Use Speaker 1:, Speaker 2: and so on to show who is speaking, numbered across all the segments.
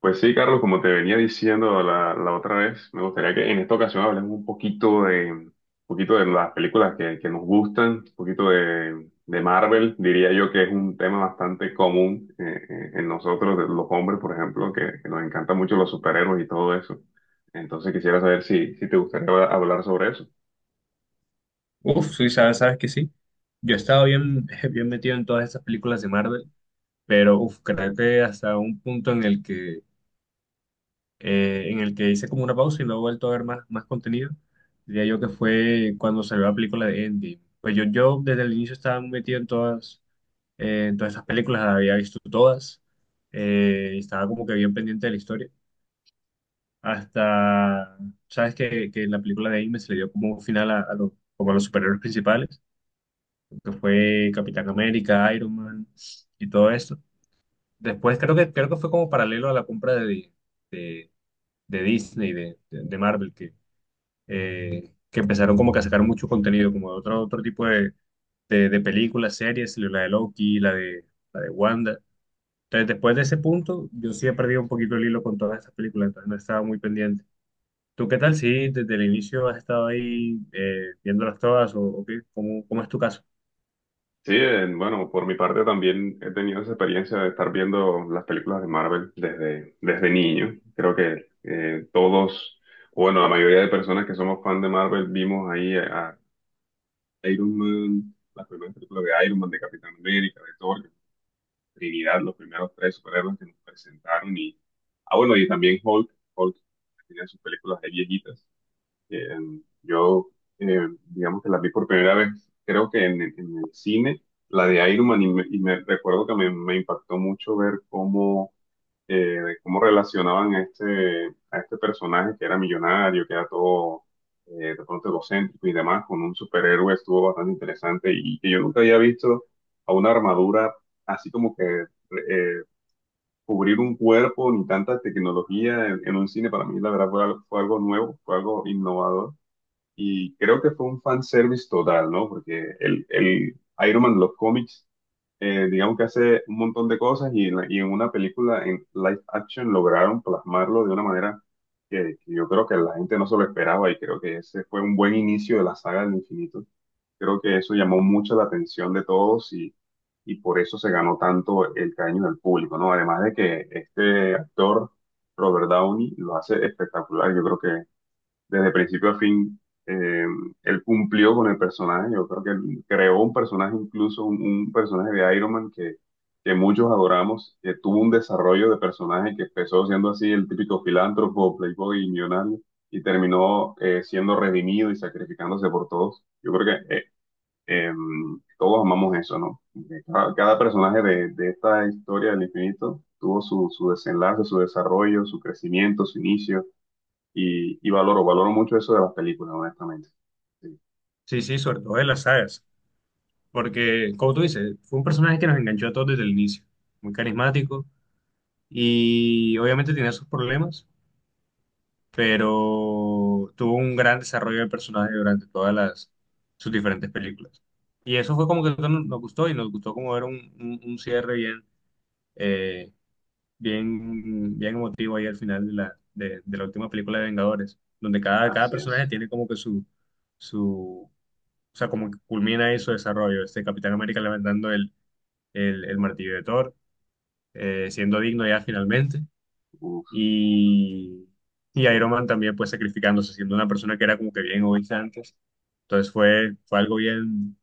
Speaker 1: Pues sí, Carlos, como te venía diciendo la otra vez, me gustaría que en esta ocasión hablemos un poquito un poquito de las películas que nos gustan, un poquito de Marvel, diría yo que es un tema bastante común en nosotros, de los hombres, por ejemplo, que nos encantan mucho los superhéroes y todo eso. Entonces quisiera saber si te gustaría hablar sobre eso.
Speaker 2: Uf, sí, sabes, sabes que sí. Yo he estado bien, bien metido en todas esas películas de Marvel, pero uf, creo que hasta un punto en el que hice como una pausa y no he vuelto a ver más contenido. Diría yo que fue cuando salió la película de Endgame. Pues yo desde el inicio estaba metido en todas esas películas, las había visto todas, y estaba como que bien pendiente de la historia. Hasta, sabes que en la película de Endgame se le dio como un final a los, como a los superhéroes principales, que fue Capitán América, Iron Man y todo esto. Después creo que fue como paralelo a la compra de, de Disney, de Marvel, que empezaron como que a sacar mucho contenido, como de otro, otro tipo de películas, series, la de Loki, la de Wanda. Entonces, después de ese punto, yo sí he perdido un poquito el hilo con todas esas películas, entonces no estaba muy pendiente. ¿Tú qué tal? Sí, desde el inicio has estado ahí viéndolas todas o, ¿o qué? ¿Cómo, cómo es tu caso?
Speaker 1: Sí, bueno, por mi parte también he tenido esa experiencia de estar viendo las películas de Marvel desde niño. Creo que todos, o bueno, la mayoría de personas que somos fan de Marvel vimos ahí a Iron Man, las primeras películas de Iron Man, de Capitán América, de Thor, Trinidad, los primeros tres superhéroes que nos presentaron. Y, bueno, y también Hulk, Hulk tenía sus películas de viejitas. Eh, yo, digamos que la vi por primera vez, creo que en el cine, la de Iron Man, y me recuerdo que me impactó mucho ver cómo, cómo relacionaban a este personaje que era millonario, que era todo de pronto egocéntrico y demás, con un superhéroe, estuvo bastante interesante y que yo nunca había visto a una armadura así como que eh, cubrir un cuerpo ni tanta tecnología en un cine, para mí la verdad fue fue algo nuevo, fue algo innovador y creo que fue un fanservice total, ¿no? Porque el Iron Man de los cómics, digamos que hace un montón de cosas y en una película en live action lograron plasmarlo de una manera que yo creo que la gente no se lo esperaba y creo que ese fue un buen inicio de la saga del infinito. Creo que eso llamó mucho la atención de todos y por eso se ganó tanto el cariño del público, ¿no? Además de que este actor, Robert Downey, lo hace espectacular. Yo creo que desde principio a fin, eh, él cumplió con el personaje. Yo creo que él creó un personaje, incluso un personaje de Iron Man que muchos adoramos, que tuvo un desarrollo de personaje que empezó siendo así el típico filántropo, playboy y millonario, y terminó siendo redimido y sacrificándose por todos. Yo creo que eh, todos amamos eso, ¿no? Que cada personaje de esta historia del infinito tuvo su desenlace, su desarrollo, su crecimiento, su inicio y valoro, valoro mucho eso de las películas, honestamente. Sí,
Speaker 2: Sí, sí, sobre todo de las sagas. Porque, como tú dices, fue un personaje que nos enganchó a todos desde el inicio. Muy carismático y obviamente tenía sus problemas, pero tuvo un gran desarrollo de personaje durante todas las, sus diferentes películas. Y eso fue como que nos gustó y nos gustó como era un, un cierre bien, eh, bien, bien emotivo ahí al final de la, de la última película de Vengadores, donde cada, cada
Speaker 1: así
Speaker 2: personaje
Speaker 1: es.
Speaker 2: tiene como que su, o sea, como que culmina ahí su desarrollo. Este Capitán América levantando el martillo de Thor, siendo digno ya finalmente,
Speaker 1: Uf,
Speaker 2: y, y
Speaker 1: sí,
Speaker 2: Iron Man también pues sacrificándose, siendo una persona que era como que bien egoísta antes. Entonces fue, fue algo bien,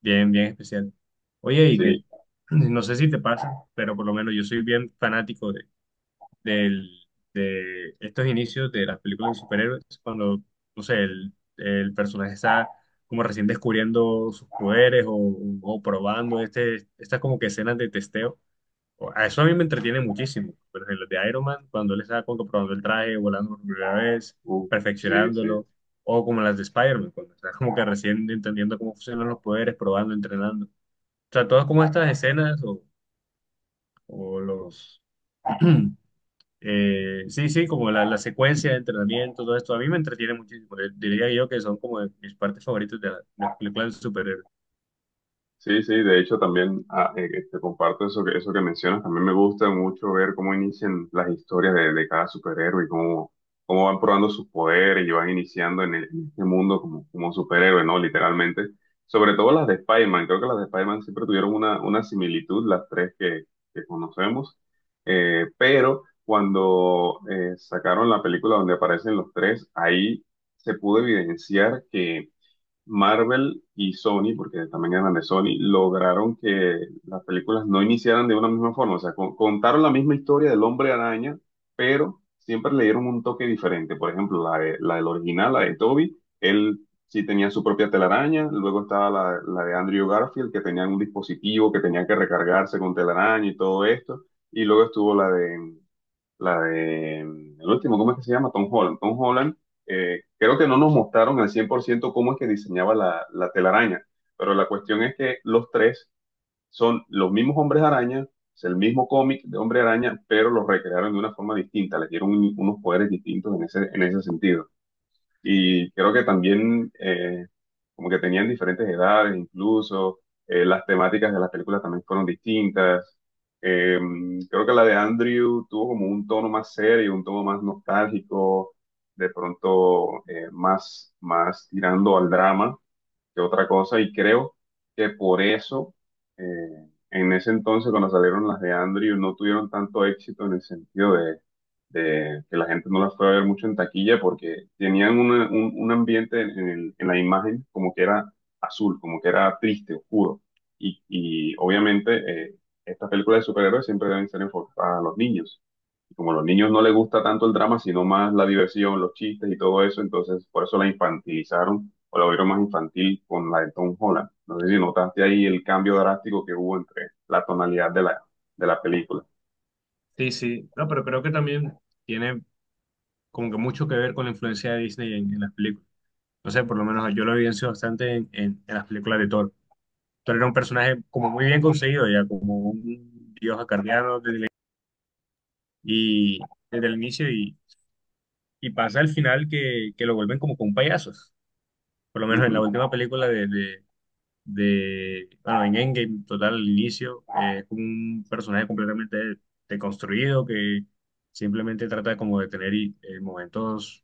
Speaker 2: bien, bien especial. Oye, y que
Speaker 1: sí.
Speaker 2: no sé si te pasa, pero por lo menos yo soy bien fanático de, del- de estos inicios de las películas de superhéroes, cuando, no sé, el personaje está como recién descubriendo sus poderes o probando este, estas como que escenas de testeo o... A eso a mí me entretiene muchísimo. Pero en los de Iron Man, cuando él está como que probando el traje, volando por primera vez,
Speaker 1: Uf, sí, sí.
Speaker 2: perfeccionándolo, o como las de Spider-Man, cuando está como que recién entendiendo cómo funcionan los poderes, probando, entrenando. O sea, todas como estas escenas o los... sí, sí, como la secuencia de entrenamiento, todo esto, a mí me entretiene muchísimo. Diría yo que son como de mis partes favoritas de, de las películas de superhéroes.
Speaker 1: Sí, sí, de hecho también te comparto eso eso que mencionas. También me gusta mucho ver cómo inician las historias de cada superhéroe y cómo van probando sus poderes y van iniciando en, en este mundo como, superhéroe, ¿no? Literalmente. Sobre todo las de Spider-Man. Creo que las de Spider-Man siempre tuvieron una similitud, las tres que conocemos. Pero cuando sacaron la película donde aparecen los tres, ahí se pudo evidenciar que Marvel y Sony, porque también eran de Sony, lograron que las películas no iniciaran de una misma forma. O sea, contaron la misma historia del Hombre Araña, pero siempre le dieron un toque diferente. Por ejemplo, la del original, la de Toby, él sí tenía su propia telaraña. Luego estaba la de Andrew Garfield, que tenía un dispositivo que tenía que recargarse con telaraña y todo esto. Y luego estuvo la de el último, ¿cómo es que se llama? Tom Holland. Tom Holland, creo que no nos mostraron al 100% cómo es que diseñaba la telaraña, pero la cuestión es que los tres son los mismos hombres araña, es el mismo cómic de hombre araña, pero los recrearon de una forma distinta, les dieron unos poderes distintos en ese sentido. Y creo que también como que tenían diferentes edades incluso, las temáticas de las películas también fueron distintas. Eh, creo que la de Andrew tuvo como un tono más serio, un tono más nostálgico, de pronto más tirando al drama que otra cosa y creo que por eso en ese entonces cuando salieron las de Andrew no tuvieron tanto éxito en el sentido de que la gente no las fue a ver mucho en taquilla porque tenían un ambiente en, en la imagen como que era azul, como que era triste, oscuro y obviamente estas películas de superhéroes siempre deben ser enfocadas a los niños. Y como a los niños no les gusta tanto el drama, sino más la diversión, los chistes y todo eso, entonces por eso la infantilizaron o lo vieron más infantil con la de Tom Holland. No sé si notaste ahí el cambio drástico que hubo entre la tonalidad de de la película.
Speaker 2: Sí, sí. No, pero creo que también tiene como que mucho que ver con la influencia de Disney en las películas. No sé, por lo menos yo lo evidencio bastante en, en las películas de Thor. Thor era un personaje como muy bien conseguido, ya como un dios acarreado desde el, y, desde el inicio y pasa al final que lo vuelven como con payasos. Por lo menos en la última película bueno, en Endgame, total, al inicio, es como un personaje completamente deconstruido que simplemente trata como de tener momentos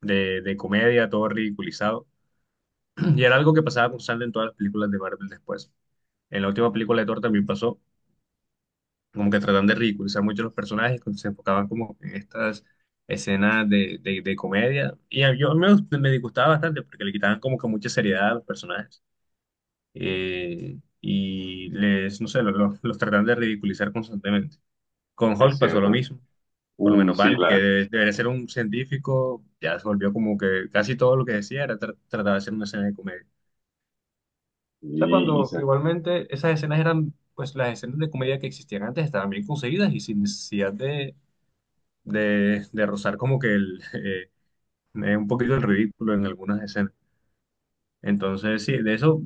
Speaker 2: de comedia, todo ridiculizado. Y era algo que pasaba constante en todas las películas de Marvel después. En la última película de Thor también pasó, como que tratan de ridiculizar mucho los personajes, cuando se enfocaban como en estas escenas de, de comedia. Yo a mí me, me disgustaba bastante porque le quitaban como que mucha seriedad a los personajes. Y les, no sé, los tratan de ridiculizar constantemente. Con
Speaker 1: Es
Speaker 2: Hulk pasó lo
Speaker 1: cierto.
Speaker 2: mismo. Por lo
Speaker 1: Uy,
Speaker 2: menos
Speaker 1: sí,
Speaker 2: Van, que
Speaker 1: la.
Speaker 2: debería ser un científico, ya se volvió como que casi todo lo que decía era tratar de hacer una escena de comedia. O sea,
Speaker 1: Y, y
Speaker 2: cuando
Speaker 1: se-
Speaker 2: igualmente esas escenas eran, pues las escenas de comedia que existían antes estaban bien conseguidas y sin necesidad de rozar como que el, un poquito el ridículo en algunas escenas. Entonces, sí, de eso,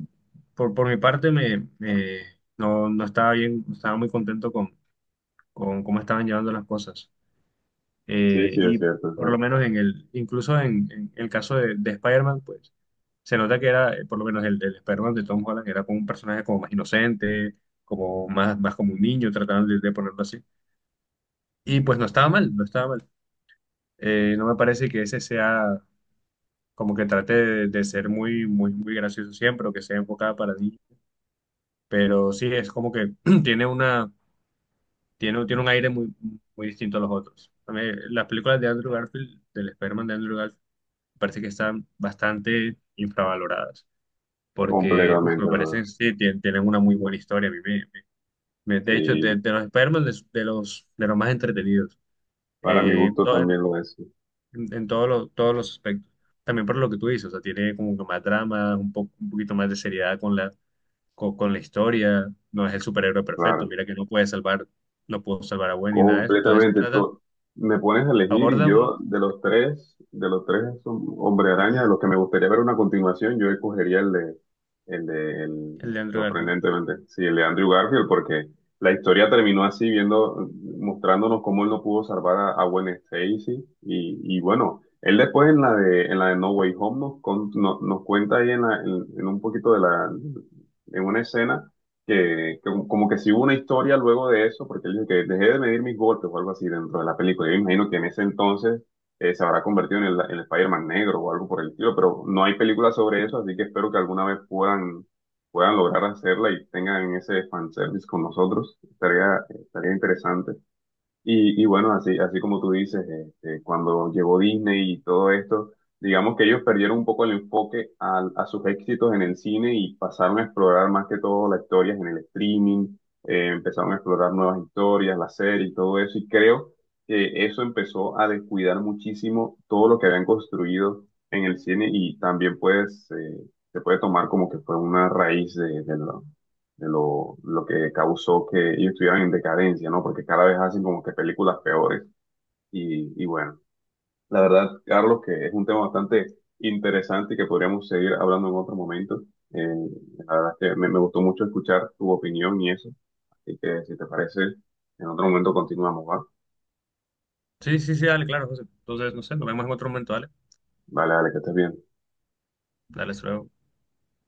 Speaker 2: por mi parte, me, no, no estaba bien, no estaba muy contento con cómo estaban llevando las cosas.
Speaker 1: sí, sí, es
Speaker 2: Y
Speaker 1: cierto, es
Speaker 2: por lo
Speaker 1: cierto.
Speaker 2: menos en el, incluso en el caso de Spider-Man, pues se nota que era, por lo menos el Spider-Man de Tom Holland era como un personaje como más inocente, como más, más como un niño, trataron de ponerlo así. Y pues no estaba mal, no estaba mal. No me parece que ese sea como que trate de ser muy, muy, muy gracioso siempre o que sea enfocada para niños. Pero sí, es como que tiene una, tiene, tiene un aire muy, muy distinto a los otros. A mí, las películas de Andrew Garfield, del Spider-Man de Andrew Garfield, me parece que están bastante infravaloradas, porque uf,
Speaker 1: Completamente,
Speaker 2: me parece
Speaker 1: brother.
Speaker 2: que sí, tienen una muy buena historia. A mí me- me- me- De hecho,
Speaker 1: Sí,
Speaker 2: de los Spider-Man, de los más entretenidos,
Speaker 1: para mi
Speaker 2: en,
Speaker 1: gusto también lo es.
Speaker 2: en todos los aspectos. También por lo que tú dices, o sea, tiene como que más drama, un poco, un poquito más de seriedad con la historia. No es el superhéroe perfecto,
Speaker 1: Claro.
Speaker 2: mira que no puede salvar, no pudo salvar a Gwen ni nada de eso. Entonces,
Speaker 1: Completamente.
Speaker 2: trata,
Speaker 1: Tú me pones a elegir y
Speaker 2: aborda uno
Speaker 1: yo de los tres, Hombre Araña, de los que me gustaría ver una continuación, yo escogería el de, el-
Speaker 2: el de Andrew Garfield.
Speaker 1: sorprendentemente, sí, el de Andrew Garfield, porque la historia terminó así, viendo, mostrándonos cómo él no pudo salvar a Gwen Stacy y bueno, él después en la de No Way Home nos, con- no- nos cuenta ahí en, en un poquito de la, en una escena que como que si hubo una historia luego de eso, porque él dijo que dejé de medir mis golpes o algo así dentro de la película. Yo me imagino que en ese entonces se habrá convertido en el Spider-Man negro o algo por el estilo, pero no hay película sobre eso, así que espero que alguna vez puedan, puedan lograr hacerla y tengan ese fanservice con nosotros. Estaría, estaría interesante. Y bueno, así, así como tú dices, cuando llegó Disney y todo esto, digamos que ellos perdieron un poco el enfoque sus éxitos en el cine y pasaron a explorar más que todo las historias en el streaming, empezaron a explorar nuevas historias, la serie y todo eso. Y creo que eso empezó a descuidar muchísimo todo lo que habían construido en el cine y también pues se puede tomar como que fue una raíz de lo que causó que ellos estuvieran en decadencia, ¿no? Porque cada vez hacen como que películas peores. Y bueno, la verdad, Carlos, que es un tema bastante interesante y que podríamos seguir hablando en otro momento. Eh, la verdad es que me gustó mucho escuchar tu opinión y eso. Así que si te parece, en otro momento continuamos, ¿va?
Speaker 2: Sí, sí, sí, dale, claro, José. Entonces, no sé, nos vemos en otro momento, dale.
Speaker 1: Vale, dale que estés bien.
Speaker 2: Dale, hasta luego.